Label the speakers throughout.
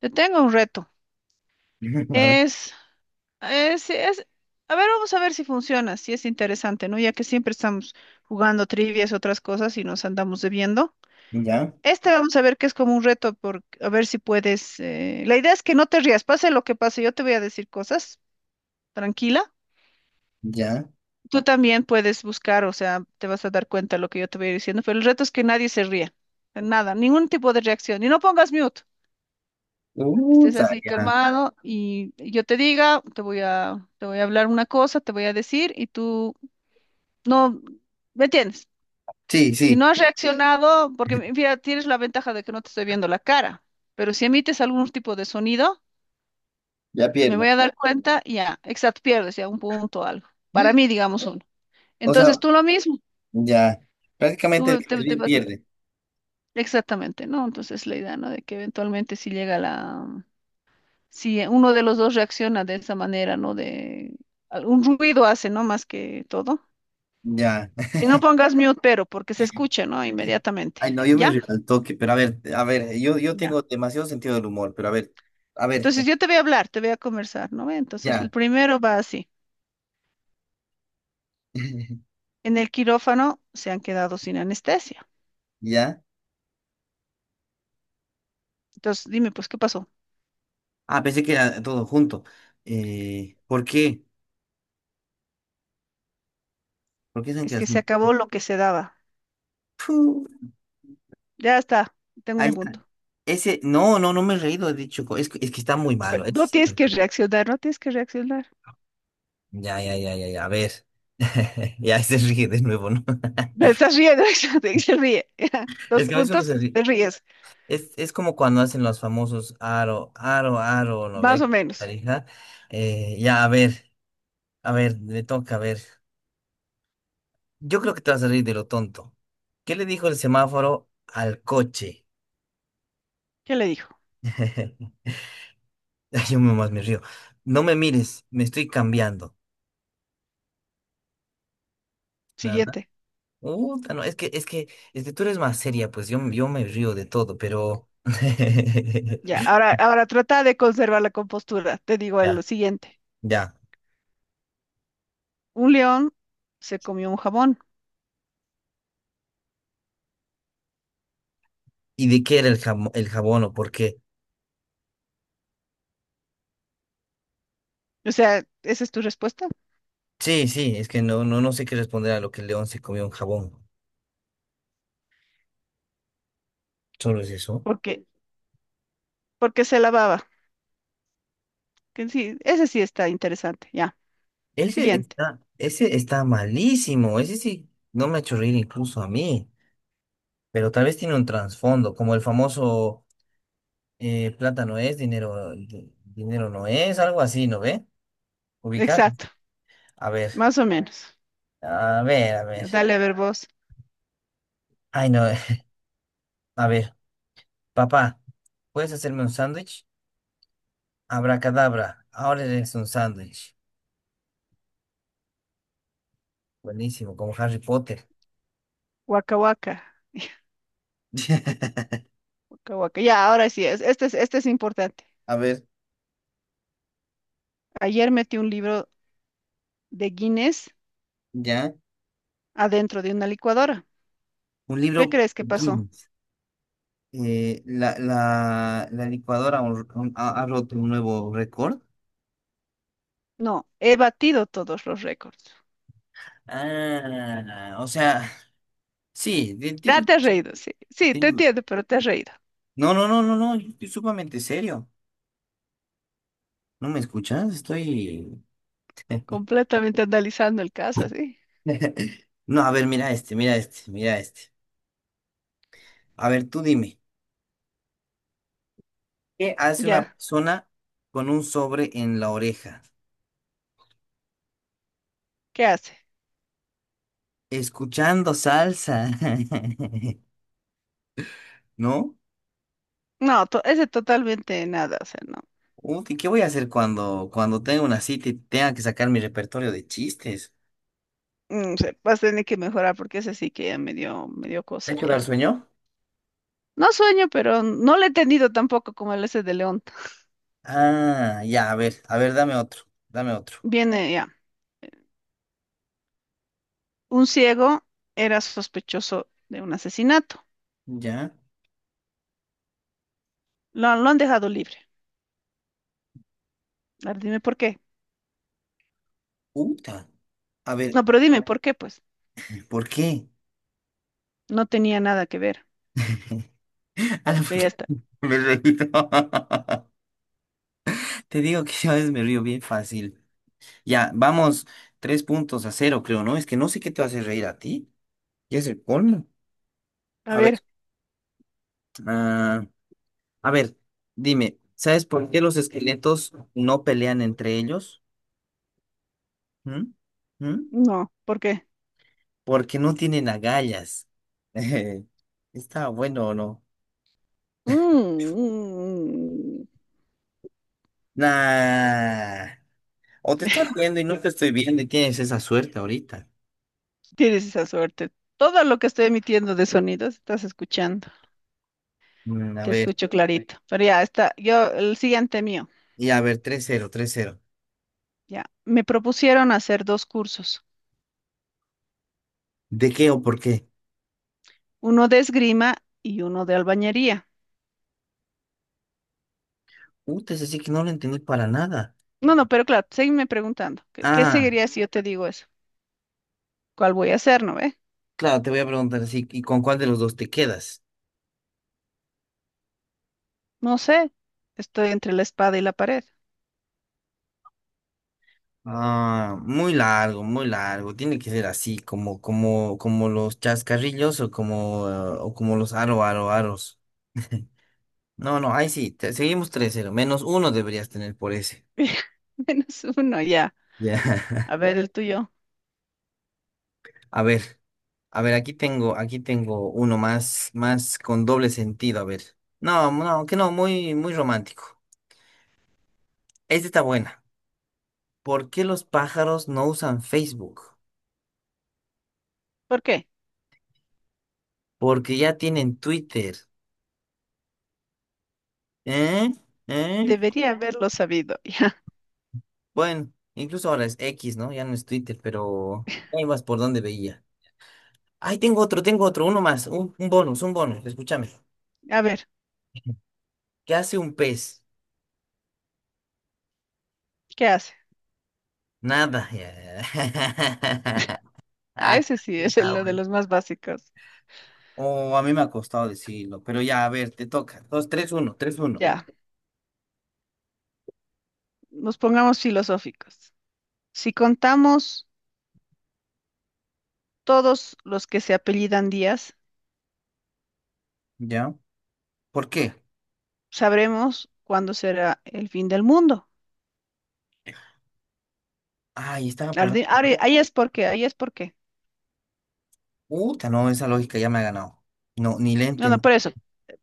Speaker 1: Te tengo un reto.
Speaker 2: A ver,
Speaker 1: Es, es, es- a ver, vamos a ver si funciona, si es interesante, ¿no? Ya que siempre estamos jugando trivias, otras cosas y nos andamos debiendo.
Speaker 2: ya,
Speaker 1: Este vamos a ver que es como un reto, por, a ver si puedes. La idea es que no te rías, pase lo que pase, yo te voy a decir cosas, tranquila.
Speaker 2: ya.
Speaker 1: Tú también puedes buscar, o sea, te vas a dar cuenta de lo que yo te voy diciendo, pero el reto es que nadie se ría, nada, ningún tipo de reacción. Y no pongas mute.
Speaker 2: Uh,
Speaker 1: Estés así
Speaker 2: ya.
Speaker 1: calmado y yo te diga, te voy a hablar una cosa, te voy a decir y tú no, ¿me entiendes?
Speaker 2: Sí,
Speaker 1: Si
Speaker 2: sí,
Speaker 1: no has sí reaccionado, porque mira, tienes la ventaja de que no te estoy viendo la cara, pero si emites algún tipo de sonido,
Speaker 2: ya
Speaker 1: me voy
Speaker 2: pierdo.
Speaker 1: a dar cuenta, y ya, exacto, pierdes ya un punto o algo. Para mí, digamos uno.
Speaker 2: O
Speaker 1: Entonces
Speaker 2: sea,
Speaker 1: tú lo mismo,
Speaker 2: ya. Prácticamente el
Speaker 1: tú
Speaker 2: que
Speaker 1: te, te
Speaker 2: pierde,
Speaker 1: vas a-
Speaker 2: pierde.
Speaker 1: exactamente, ¿no? Entonces la idea, ¿no? De que eventualmente si llega la Si uno de los dos reacciona de esa manera, ¿no? De un ruido hace, ¿no? Más que todo.
Speaker 2: Ya.
Speaker 1: Y no pongas mute, pero, porque se escucha, ¿no?
Speaker 2: Ay,
Speaker 1: Inmediatamente.
Speaker 2: no, yo me
Speaker 1: ¿Ya?
Speaker 2: río al toque, pero a ver, yo
Speaker 1: Ya.
Speaker 2: tengo demasiado sentido del humor, pero a ver,
Speaker 1: Entonces yo te voy a hablar, te voy a conversar, ¿no? Ve, entonces el
Speaker 2: ya.
Speaker 1: primero va así. En el quirófano se han quedado sin anestesia.
Speaker 2: Ya.
Speaker 1: Entonces dime, pues, ¿qué pasó?
Speaker 2: Ah, pensé que era todo junto. ¿Por qué? ¿Por qué dicen que
Speaker 1: Es
Speaker 2: las...
Speaker 1: que se acabó lo que se daba.
Speaker 2: Puh,
Speaker 1: Ya está, tengo
Speaker 2: ahí
Speaker 1: un
Speaker 2: está.
Speaker 1: punto.
Speaker 2: Ese, no, no, no me he reído, he dicho, es, es que está muy malo.
Speaker 1: No
Speaker 2: Es...
Speaker 1: tienes que reaccionar, no tienes que reaccionar.
Speaker 2: Ya, ya, ya, ya, ya. A ver. Ya se ríe de nuevo, ¿no?
Speaker 1: Me estás riendo, se ríe. Dos
Speaker 2: Es que a veces uno se
Speaker 1: puntos,
Speaker 2: ríe.
Speaker 1: te ríes,
Speaker 2: Es como cuando hacen los famosos aro, aro, aro, ¿no
Speaker 1: más
Speaker 2: ve?
Speaker 1: o menos.
Speaker 2: Tarija. Ya, a ver, le toca, a ver. Yo creo que te vas a reír de lo tonto. ¿Qué le dijo el semáforo al coche?
Speaker 1: ¿Qué le dijo?
Speaker 2: Ay, yo más me río. No me mires, me estoy cambiando. Nada.
Speaker 1: Siguiente.
Speaker 2: Uta, no, es que tú eres más seria, pues yo me río de todo, pero.
Speaker 1: Ya, ahora, ahora trata de conservar la compostura. Te digo el
Speaker 2: Ya,
Speaker 1: siguiente.
Speaker 2: ya.
Speaker 1: Un león se comió un jabón.
Speaker 2: ¿Y de qué era el el jabón o por qué?
Speaker 1: O sea, esa es tu respuesta.
Speaker 2: Sí, sí, es que no, no, no sé qué responder a lo que el león se comió un jabón. Solo es eso.
Speaker 1: Porque, porque se lavaba. Que sí, ese sí está interesante. Ya. Siguiente.
Speaker 2: Ese está malísimo. Ese sí, no me ha hecho reír incluso a mí. Pero tal vez tiene un trasfondo, como el famoso plata no es, dinero, dinero no es, algo así, ¿no ve? Ubicar.
Speaker 1: Exacto.
Speaker 2: A ver,
Speaker 1: Más o menos.
Speaker 2: a ver, a ver.
Speaker 1: Dale a ver vos.
Speaker 2: Ay, no, a ver, papá, ¿puedes hacerme un sándwich? Abracadabra, ahora eres un sándwich. Buenísimo, como Harry Potter.
Speaker 1: Waka waka. Waka waka. Ya, ahora sí es. Este es importante.
Speaker 2: A ver,
Speaker 1: Ayer metí un libro de Guinness
Speaker 2: ya.
Speaker 1: adentro de una licuadora.
Speaker 2: Un
Speaker 1: ¿Qué
Speaker 2: libro
Speaker 1: crees que pasó?
Speaker 2: Guinness. La licuadora ha roto un nuevo récord.
Speaker 1: No, he batido todos los récords.
Speaker 2: Ah, o sea, sí.
Speaker 1: Ya te has reído, sí. Sí, te
Speaker 2: De-
Speaker 1: entiendo, pero te has reído.
Speaker 2: No, no, no, no, no. Yo estoy sumamente serio. ¿No me escuchas? Estoy.
Speaker 1: Completamente analizando el caso, sí.
Speaker 2: No, a ver, mira este, mira este, mira este. A ver, tú dime. ¿Qué hace una
Speaker 1: Ya,
Speaker 2: persona con un sobre en la oreja?
Speaker 1: ¿qué hace?
Speaker 2: Escuchando salsa. ¿No?
Speaker 1: No, ese totalmente nada, o sea, no.
Speaker 2: Qué voy a hacer cuando, cuando tenga una cita y tenga que sacar mi repertorio de chistes?
Speaker 1: Mm, vas a tener que mejorar porque ese sí que ya me dio
Speaker 2: ¿Te ha
Speaker 1: cosa
Speaker 2: quedado
Speaker 1: ya.
Speaker 2: sueño?
Speaker 1: No sueño, pero no le he tenido tampoco como el ese de León.
Speaker 2: Ah, ya, a ver, dame otro, dame otro.
Speaker 1: Viene ya. Un ciego era sospechoso de un asesinato.
Speaker 2: Ya.
Speaker 1: Lo han dejado libre. A ver, dime por qué.
Speaker 2: Uta. A ver,
Speaker 1: No, pero dime por qué, pues.
Speaker 2: ¿por qué?
Speaker 1: No tenía nada que ver.
Speaker 2: A la
Speaker 1: Pero ya
Speaker 2: puta,
Speaker 1: está.
Speaker 2: me he reído. Te digo que yo a veces me río bien fácil. Ya, vamos, tres puntos a cero, creo, ¿no? Es que no sé qué te hace reír a ti. Ya es el colmo.
Speaker 1: A
Speaker 2: A ver,
Speaker 1: ver,
Speaker 2: ah, a ver, dime, ¿sabes por qué los esqueletos no pelean entre ellos? ¿Mm? ¿Mm?
Speaker 1: no, ¿por qué?
Speaker 2: Porque no tienen agallas. ¿Está bueno o no?
Speaker 1: Mm,
Speaker 2: Nah. O te estás viendo y no te estoy viendo y tienes esa suerte ahorita.
Speaker 1: tienes esa suerte. Todo lo que estoy emitiendo de sonidos estás escuchando.
Speaker 2: Mm, a
Speaker 1: Te
Speaker 2: ver.
Speaker 1: escucho sí clarito. Pero ya está. Yo, el siguiente mío.
Speaker 2: Y a ver, tres cero, tres cero.
Speaker 1: Ya. Me propusieron hacer dos cursos,
Speaker 2: ¿De qué o por qué?
Speaker 1: uno de esgrima y uno de albañería.
Speaker 2: Puta, es así que no lo entendí para nada.
Speaker 1: No, no, pero claro, seguime preguntando. ¿Qué
Speaker 2: Ah,
Speaker 1: seguiría si yo te digo eso? ¿Cuál voy a hacer, no ve?
Speaker 2: claro, te voy a preguntar así. ¿Y con cuál de los dos te quedas?
Speaker 1: No sé. Estoy entre la espada y la pared.
Speaker 2: Ah, muy largo, muy largo. Tiene que ser así, como, como, como los chascarrillos o como los aro, aro, aros. No, no, ahí sí, seguimos tres cero, menos uno deberías tener por ese.
Speaker 1: Menos uno, ya. A
Speaker 2: Ya.
Speaker 1: ver el tuyo.
Speaker 2: A ver, a ver, aquí tengo uno más, más con doble sentido. A ver. No, no, que no, muy, muy romántico. Esta está buena. ¿Por qué los pájaros no usan Facebook?
Speaker 1: ¿Por qué?
Speaker 2: Porque ya tienen Twitter. ¿Eh? ¿Eh?
Speaker 1: Debería haberlo sabido.
Speaker 2: Bueno, incluso ahora es X, ¿no? Ya no es Twitter, pero ahí vas por donde veía. Ay, tengo otro, uno más, un bonus, escúchame.
Speaker 1: Ya. A ver,
Speaker 2: ¿Qué hace un pez?
Speaker 1: ¿qué haces?
Speaker 2: Nada. Ya.
Speaker 1: A
Speaker 2: Ay,
Speaker 1: ese sí es el
Speaker 2: está
Speaker 1: de
Speaker 2: bueno.
Speaker 1: los más básicos.
Speaker 2: O a mí me ha costado decirlo, pero ya, a ver, te toca. Dos, tres, uno, tres, uno.
Speaker 1: Ya, nos pongamos filosóficos. Si contamos todos los que se apellidan Díaz,
Speaker 2: ¿Ya? ¿Por qué?
Speaker 1: sabremos cuándo será el fin del mundo.
Speaker 2: Ay, estaba por...
Speaker 1: Ahí es porque, ahí es porque.
Speaker 2: Puta, no, esa lógica ya me ha ganado. No, ni le
Speaker 1: No, no,
Speaker 2: entendí.
Speaker 1: por eso.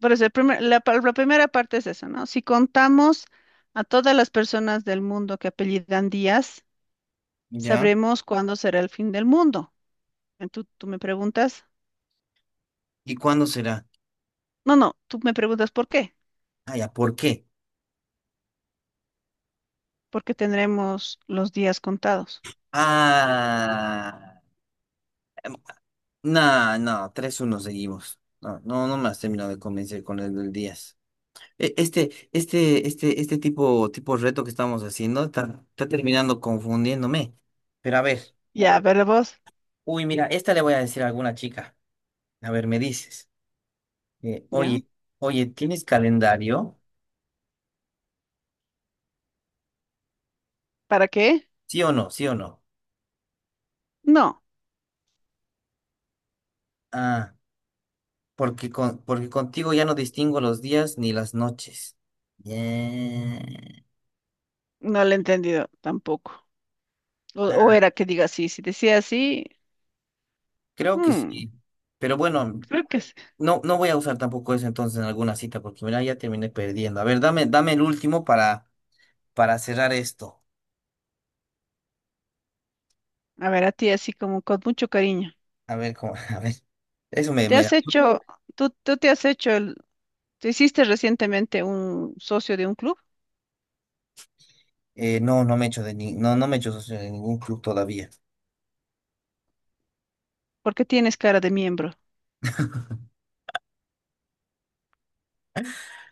Speaker 1: Por eso, el primer- la, pa- la primera parte es eso, ¿no? Si contamos a todas las personas del mundo que apellidan Díaz,
Speaker 2: ¿Ya?
Speaker 1: sabremos cuándo será el fin del mundo. Tú me preguntas?
Speaker 2: ¿Y cuándo será?
Speaker 1: No, no, tú me preguntas por qué.
Speaker 2: Ah, ya, ¿por qué?
Speaker 1: Porque tendremos los días contados.
Speaker 2: Ah, no, no, tres, uno seguimos. No, no, no me has terminado de convencer con el del 10. Este, este, este, este tipo, tipo reto que estamos haciendo está, está terminando confundiéndome. Pero a ver,
Speaker 1: Ya, pero vos,
Speaker 2: uy, mira, esta le voy a decir a alguna chica. A ver, me dices,
Speaker 1: ¿ya?
Speaker 2: oye, oye, ¿tienes calendario?
Speaker 1: ¿Para qué?
Speaker 2: ¿Sí o no? ¿Sí o no?
Speaker 1: No,
Speaker 2: Ah, porque porque contigo ya no distingo los días ni las noches. Yeah.
Speaker 1: no lo he entendido tampoco. O
Speaker 2: Ah,
Speaker 1: era que diga así, si decía así,
Speaker 2: creo que
Speaker 1: mm,
Speaker 2: sí. Pero bueno,
Speaker 1: creo que sí.
Speaker 2: no, no voy a usar tampoco eso entonces en alguna cita, porque mira, ya terminé perdiendo. A ver, dame, dame el último para cerrar esto.
Speaker 1: A ver, a ti así como con mucho cariño.
Speaker 2: A ver, cómo, a ver. Eso me,
Speaker 1: ¿Te
Speaker 2: me
Speaker 1: has
Speaker 2: da.
Speaker 1: hecho, tú, ¿tú te has hecho el, te hiciste recientemente un socio de un club?
Speaker 2: No, no me he hecho de no, no me he hecho socio de ningún club todavía.
Speaker 1: ¿Por qué tienes cara de miembro?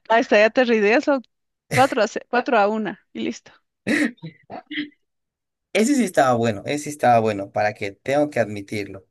Speaker 1: Ahí está, ya te rideas, son cuatro a una y listo.
Speaker 2: Ese sí estaba bueno, ese sí estaba bueno, para que tengo que admitirlo.